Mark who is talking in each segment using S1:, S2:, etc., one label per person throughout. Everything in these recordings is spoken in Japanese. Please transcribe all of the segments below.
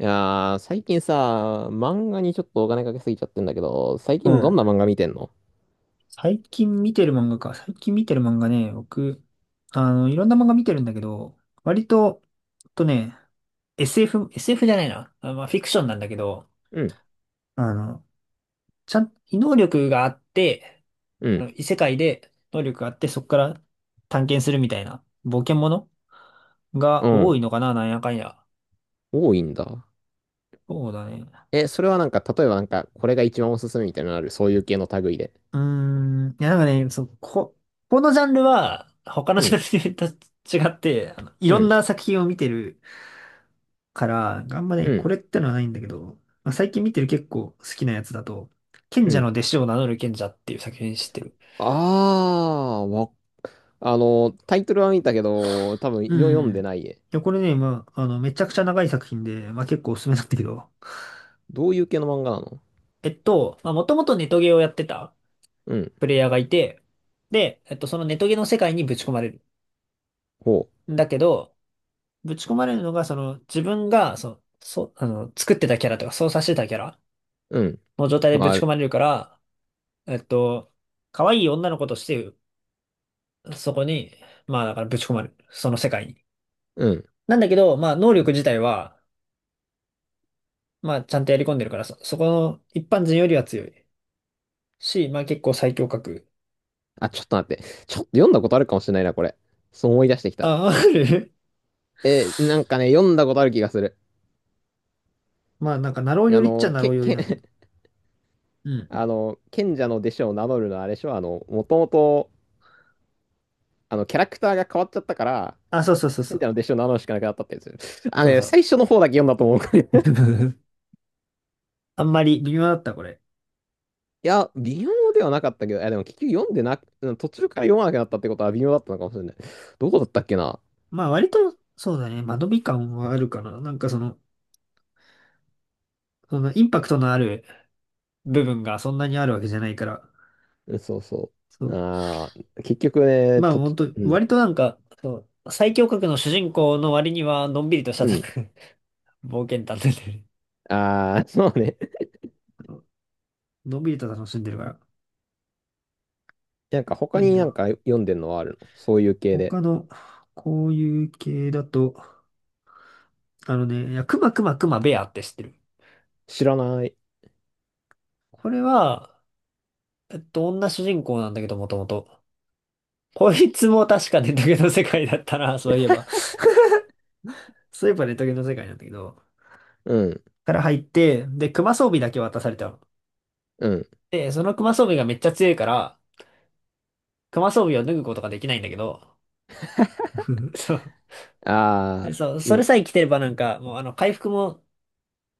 S1: いやー、最近さ、漫画にちょっとお金かけすぎちゃってんだけど、最
S2: う
S1: 近ど
S2: ん。
S1: んな漫画見てんの？
S2: 最近見てる漫画か。最近見てる漫画ね、僕、いろんな漫画見てるんだけど、割と、えっとね、SF、SF じゃないな。あまあ、フィクションなんだけど、
S1: うん、
S2: あの、ちゃん、異能力があって、
S1: うん、
S2: 異世界で能力があって、そこから探検するみたいな冒険もの
S1: う
S2: が多い
S1: ん。
S2: のかな、なんやかんや。
S1: 多いんだ。
S2: そうだね。
S1: え、それはなんか、例えばなんか、これが一番おすすめみたいなのある？そういう系の類で。
S2: うーん、いや、なんかね、そう、このジャンルは、他の
S1: う
S2: ジ
S1: ん、
S2: ャンルと違って、い
S1: う
S2: ろん
S1: ん、
S2: な作品を見てるから、あんま
S1: う
S2: ね、こ
S1: ん、
S2: れってのはないんだけど、まあ、最近見てる結構好きなやつだと、賢
S1: う
S2: 者の
S1: ん。
S2: 弟子を名乗る賢者っていう作品知ってる？
S1: あー、あの、タイトルは見たけど、多分
S2: うん
S1: 読
S2: う
S1: ん
S2: ん。
S1: で
S2: い
S1: ない。
S2: や、これね、まあ、めちゃくちゃ長い作品で、まあ結構おすすめなんだけど。
S1: どういう系の漫画なの？
S2: まあもともとネトゲをやってた
S1: うん、
S2: プレイヤーがいて、で、そのネトゲの世界にぶち込まれる。
S1: ほ
S2: だけど、ぶち込まれるのが、その、自分が、その、そ、あの、作ってたキャラとか操作してたキャラ
S1: う、うん、
S2: の状態でぶ
S1: まあ、
S2: ち込まれるから、えっと、可愛い女の子としてそこに、まあだからぶち込まれる。その世界に。
S1: うん。
S2: なんだけど、まあ能力自体は、まあちゃんとやり込んでるから、そこの一般人よりは強い。し、まあ結構最強格。
S1: あ、ちょっと待って。ちょっと読んだことあるかもしれないな、これ。そう思い出してきた。
S2: あ、ある。
S1: え、なんかね、読んだことある気がする。
S2: まあなんかナロー寄
S1: あ
S2: りっちゃ
S1: の、
S2: ナロー寄りなんだけど。う
S1: あ
S2: ん。
S1: の、賢者の弟子を名乗るのはあれでしょ？あの、もともと、あの、キャラクターが変わっちゃったから、
S2: あ、そうそうそう
S1: 賢
S2: そ
S1: 者
S2: う。
S1: の弟子を名乗るしかなくなったってやつ。あの
S2: そう
S1: ね、
S2: そ
S1: 最
S2: う。
S1: 初の方だけ読んだと思う。い
S2: あんまり微妙だった、これ。
S1: や、微妙ではなかったけど、いや、でも結局読んでなく、うん、途中から読まなくなったってことは微妙だったのかもしれない。どこだったっけな？
S2: まあ割と、そうだね。間延び感はあるかな。なんかその、そのインパクトのある部分がそんなにあるわけじゃないから。
S1: うん、そうそ
S2: そ
S1: う。
S2: う
S1: ああ、結局ね、
S2: まあ本当
S1: うん、
S2: 割となんか、そう、最強格の主人公の割には、のんびりとした
S1: うん。
S2: 冒険探偵で、
S1: ああ、そうね。
S2: のんびりと楽しんでるから。
S1: なんか他
S2: なん
S1: になんか
S2: か、
S1: 読んでんのはあるの？そういう系で。
S2: 他の、こういう系だと、いや、クマクマクマベアって知ってる？
S1: 知らない。
S2: これは、女主人公なんだけど、もともと。こいつも確かネトゲの世界だったな、そういえば。そういえばネトゲの世界なんだけど、
S1: うん、
S2: から入って、で、クマ装備だけ渡されたの。
S1: うん。
S2: で、そのクマ装備がめっちゃ強いから、クマ装備を脱ぐことができないんだけど、うんそう。
S1: あ
S2: で
S1: あ、
S2: そう、そ
S1: 今
S2: れさえ着てればなんか、もう回復も、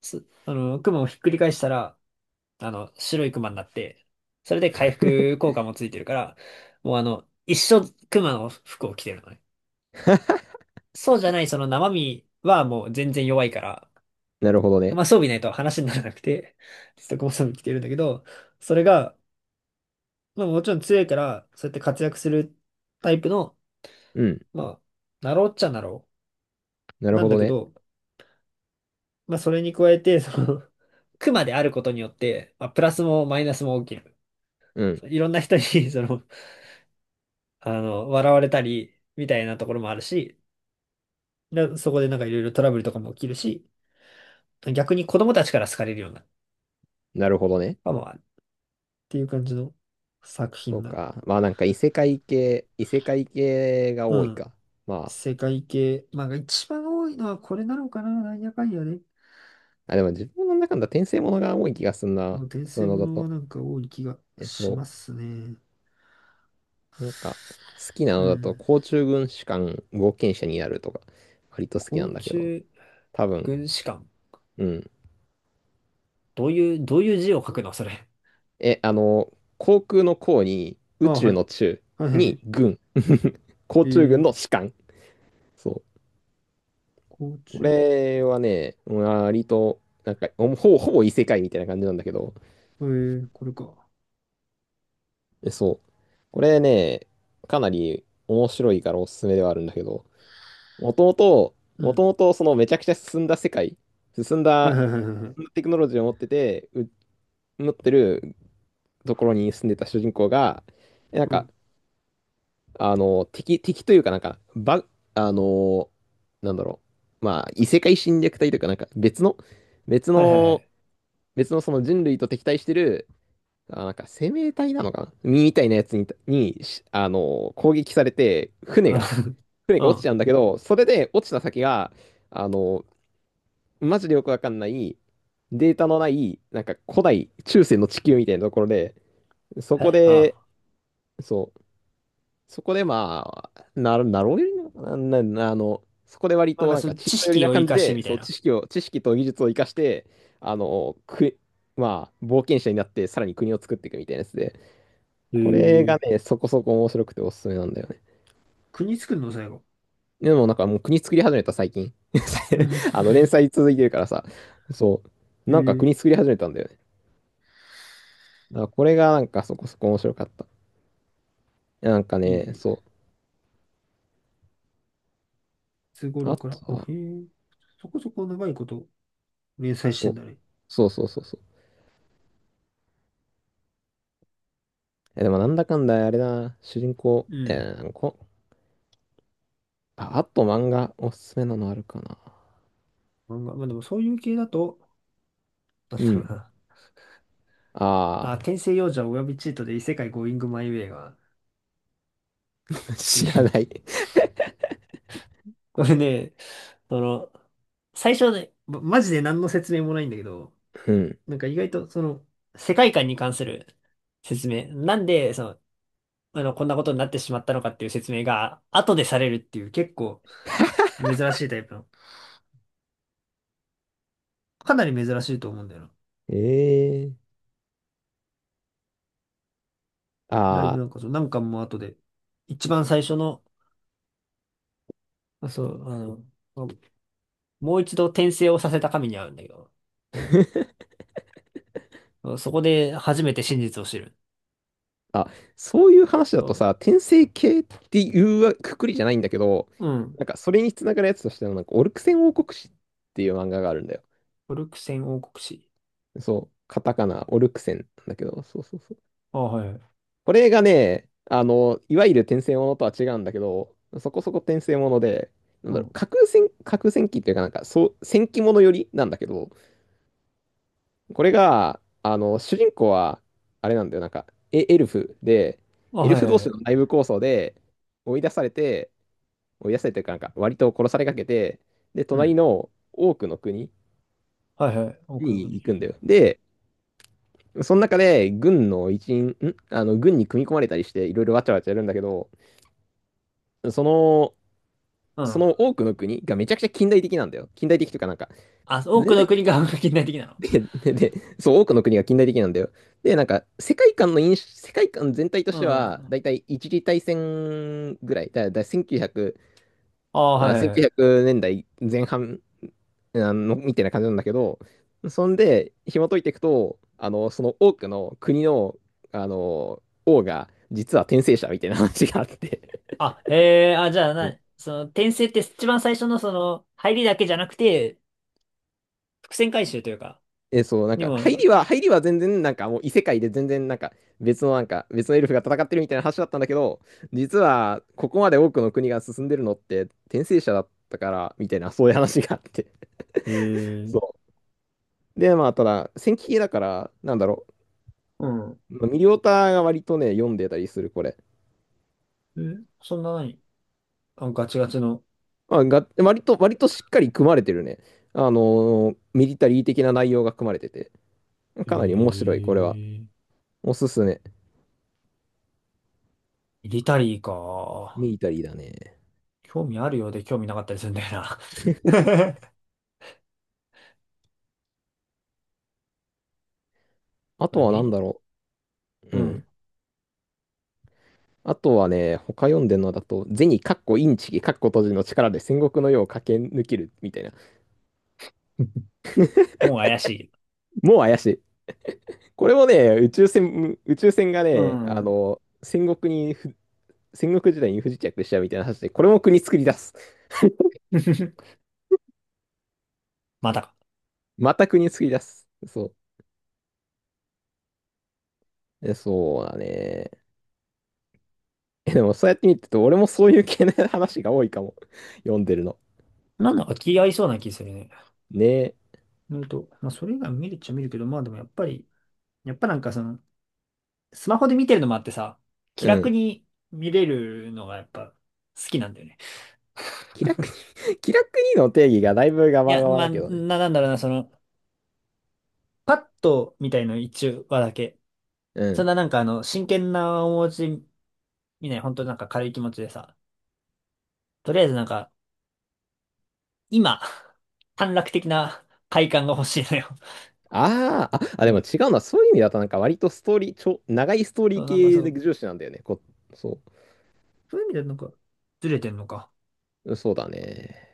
S2: す、あの、クマをひっくり返したら、白いクマになって、それで回復効果もついてるから、もう一生クマの服を着てるのね。そうじゃない、その生身はもう全然弱いから、
S1: なるほどね。
S2: まあ装備ないと話にならなくて、ずっとこの装備着てるんだけど、それが、まあもちろん強いから、そうやって活躍するタイプの、
S1: うん。
S2: まあ、なろうっちゃなろ
S1: な
S2: う。
S1: る
S2: なん
S1: ほ
S2: だ
S1: ど
S2: け
S1: ね。
S2: ど、まあ、それに加えて、その、クマであることによって、まあ、プラスもマイナスも起きる。
S1: うん。
S2: そういろんな人に その、笑われたり、みたいなところもあるし、そこでなんかいろいろトラブルとかも起きるし、逆に子供たちから好かれるような、
S1: なるほどね。
S2: かもあるっていう感じの作
S1: そ
S2: 品
S1: う
S2: だ。
S1: か。まあなんか異世界系、異世界系が
S2: う
S1: 多い
S2: ん。
S1: か。ま
S2: 世界系、まあ、一番多いのはこれなのかな、なんやかんやね。
S1: あ、あ、でも自分の中の転生ものが多い気がすん
S2: でも
S1: な。
S2: 転
S1: そう
S2: 生
S1: いうの
S2: も
S1: だ
S2: のは
S1: と。
S2: なんか多い気が
S1: え、
S2: し
S1: そ
S2: ますね。
S1: う。なんか、好きな
S2: う
S1: のだと、
S2: ん。
S1: 甲虫軍士官冒険者になるとか、割と好きな
S2: 甲
S1: んだけど。
S2: 虫
S1: 多分、
S2: 軍師館。
S1: うん。
S2: どういう字を書くのそれ？
S1: え、あの、航空の航に、
S2: あ、
S1: 宇
S2: は
S1: 宙
S2: い。
S1: の宙
S2: はいはいは
S1: に
S2: い。
S1: 軍。甲
S2: え
S1: 虫軍
S2: ー、
S1: の士官。そう。
S2: 甲
S1: こ
S2: 虫、
S1: れはね、割と、なんか、ほぼ異世界みたいな感じなんだけど、
S2: これか。
S1: えそう。これね、かなり面白いからおすすめではあるんだけど、もともと、
S2: う
S1: もと
S2: ん。
S1: もとそのめちゃくちゃ進んだ世界、進ん
S2: はい
S1: だ
S2: はいはいはいはい。
S1: テクノロジーを持ってて、持ってるところに住んでた主人公が、えなん
S2: う
S1: か、
S2: ん。
S1: あの、敵というかなんか、あの、なんだろう、まあ、異世界侵略隊というかなんか、別
S2: はいはいは
S1: の、
S2: い。
S1: 別のその人類と敵対してる、あ、なんか生命体なのかなみたいなやつに、あの、攻撃されて、
S2: うん。
S1: 船
S2: う
S1: が落ちちゃうん
S2: ん
S1: だけど、それで落ちた先が、あの、マジでよくわかんない、データのない、なんか古代、中世の地球みたいなところで、そこ
S2: え
S1: で、
S2: あ
S1: そう、そこでまあ、なろうよりなのかな、あの、そこで割
S2: あ。なん
S1: と
S2: か
S1: なん
S2: そ
S1: か
S2: う、
S1: 知っ
S2: 知
S1: た寄り
S2: 識
S1: な
S2: を活
S1: 感じ
S2: かして
S1: で、
S2: みた
S1: そ
S2: い
S1: う、
S2: な。
S1: 知識と技術を生かして、あの、まあ、冒険者になって、さらに国を作っていくみたいなやつで、
S2: え
S1: これが
S2: ー、
S1: ね、そこそこ面白くておすすめなんだよね。
S2: 国作るの最後？
S1: でもなんかもう国作り始めた最近。
S2: うん。
S1: あの連載続いてるからさ、そ う。
S2: え
S1: なんか
S2: ー、
S1: 国作り始めたんだよね。だからこれがなんかそこそこ面白かった。いやなんか
S2: いいね。
S1: ね、
S2: い
S1: そ
S2: つ
S1: う。
S2: 頃
S1: あ
S2: から？
S1: と
S2: あ、
S1: は、
S2: へえ。そこそこ長いこと連載して
S1: そ
S2: ん
S1: う。
S2: だね。
S1: そうそうそうそう。え、でもなんだかんだあれだな、主人公、
S2: うん。
S1: あ、あと漫画おすすめなのあるかな。
S2: 漫画まあでもそういう系だと、なん
S1: う
S2: だろう
S1: ん。
S2: な。
S1: あ
S2: あ、
S1: あ、
S2: 転生幼女およびチートで異世界ゴーイングマイウェイが、っ て
S1: 知
S2: い
S1: らな
S2: う
S1: い。
S2: これね、その、最初はね、マジで何の説明もないんだけど、
S1: うん。
S2: なんか意外とその、世界観に関する説明。なんで、その、こんなことになってしまったのかっていう説明が、後でされるっていう結構珍しいタイプの。かなり珍しいと思うんだよな。
S1: ええー。
S2: ライブ
S1: ああ、
S2: なんかそう、何巻も後で。一番最初の、そう、もう一度転生をさせた神に会うんだけど、そこで初めて真実を知る。
S1: あ、そういう話
S2: そ
S1: だと
S2: う、
S1: さ、転生系っていうわくくりじゃないんだけど、
S2: うん。
S1: なんかそれにつながるやつとしては、なんかオルクセン王国史っていう漫画があるんだよ。
S2: オルクセン王国史。
S1: そう、カタカナ、オルクセンなんだけど、そうそうそう。
S2: あ、はい。
S1: これがね、あの、いわゆる転生ものとは違うんだけど、そこそこ転生もので、なん
S2: う
S1: だろう、
S2: ん。
S1: 架空戦記っていうか、なんか、そう、戦記ものよりなんだけど、これが、あの、主人公は、あれなんだよ、なんか、エルフで、
S2: あ、
S1: エル
S2: はい
S1: フ
S2: は
S1: 同
S2: いは
S1: 士
S2: い。
S1: の内部抗争で追い出されて、追い出されてるからなんか割と殺されかけて、で、
S2: う
S1: 隣
S2: ん。
S1: の多くの国
S2: はいはい。多くの
S1: に
S2: 国。
S1: 行くんだよ。で、その中で軍の一員、あの軍に組み込まれたりしていろいろわちゃわちゃやるんだけど、その、
S2: う
S1: そ
S2: ん。
S1: の多くの国がめちゃくちゃ近代的なんだよ。近代的というかなんか、
S2: あ、多く
S1: 全
S2: の国が半額近代的なの？
S1: で、で、で、そう、多くの国が近代的なんだよ。で、なんか、世界観全体と
S2: う
S1: しては、
S2: ん。
S1: だいたい一次大戦ぐらい、1900、
S2: あ、は
S1: まあ、
S2: いはいは
S1: 1900
S2: い。
S1: 年代前半、あの、みたいな感じなんだけど、そんで、紐解いていくと、あの、その多くの国の、あの、王が、実は転生者みたいな話があって、
S2: あ、へえ、あ、じゃあ
S1: うん。
S2: な、その、転生って一番最初のその、入りだけじゃなくて、伏線回収というか、
S1: え、そう、なん
S2: に
S1: か、
S2: も、
S1: 入りは全然、なんかもう異世界で全然、なんか、別のなんか、別のエルフが戦ってるみたいな話だったんだけど、実は、ここまで多くの国が進んでるのって、転生者だったから、みたいな、そういう話があって。
S2: へ え
S1: そう。で、まあ、ただ、戦記系だから、なんだろ
S2: うん。
S1: う、ミリオタが割とね、読んでたりする、これ。
S2: え、そんな何。あ、ガチガチの？
S1: まあ、割としっかり組まれてるね。ミリタリー的な内容が組まれてて、
S2: へ
S1: かなり面白
S2: え
S1: い、これは。おすすめ。
S2: ミリタリーか。
S1: ミリタリーだね。
S2: 興味あるようで興味なかったりするんだよな。
S1: あ
S2: こ
S1: と
S2: れ
S1: は
S2: ミリタ
S1: 何
S2: リ
S1: だ
S2: ー
S1: ろ
S2: う
S1: う。う
S2: ん。
S1: ん。あとはね、他読んでるのだと、銭かっこインチキかっこ閉じの力で戦国の世を駆け抜けるみたいな。
S2: もう怪しい。
S1: もう怪しい。これもね、宇宙船が
S2: う
S1: ね、あ
S2: ん。
S1: の、戦国時代に不時着しちゃうみたいな話で、これも国作り出す。
S2: まあ、
S1: また国作り出す。そう。えそうだね。え、でもそうやって見てると、俺もそういう系の話が多いかも。読んでるの。
S2: なんだか気合いそうな気するね。
S1: ねえ。
S2: なと、まあ、それ以外も見るっちゃ見るけど、まあでもやっぱり、やっぱなんかその、スマホで見てるのもあってさ、気
S1: う
S2: 楽
S1: ん。
S2: に見れるのがやっぱ好きなんだよね。
S1: 気楽に 気楽にの定義がだいぶガ
S2: い
S1: バ
S2: や、
S1: ガバ
S2: まあ、
S1: だけどね。
S2: なんだろうな、その、パッとみたいの一話だけ。
S1: う
S2: そん
S1: ん。
S2: ななんか真剣な面持ち見ない、本当なんか軽い気持ちでさ、とりあえずなんか、今、短絡的な快感が欲しいのよ。
S1: あーあ、あ、
S2: う
S1: でも
S2: ん
S1: 違うな。そういう意味だとなんか割とストーリー、長いストーリ
S2: そ
S1: ー
S2: う、なんか
S1: 系
S2: そ
S1: の
S2: う、
S1: 重視なんだよね。そ
S2: そういう意味でなんか、ずれてんのか。
S1: う。そうだね。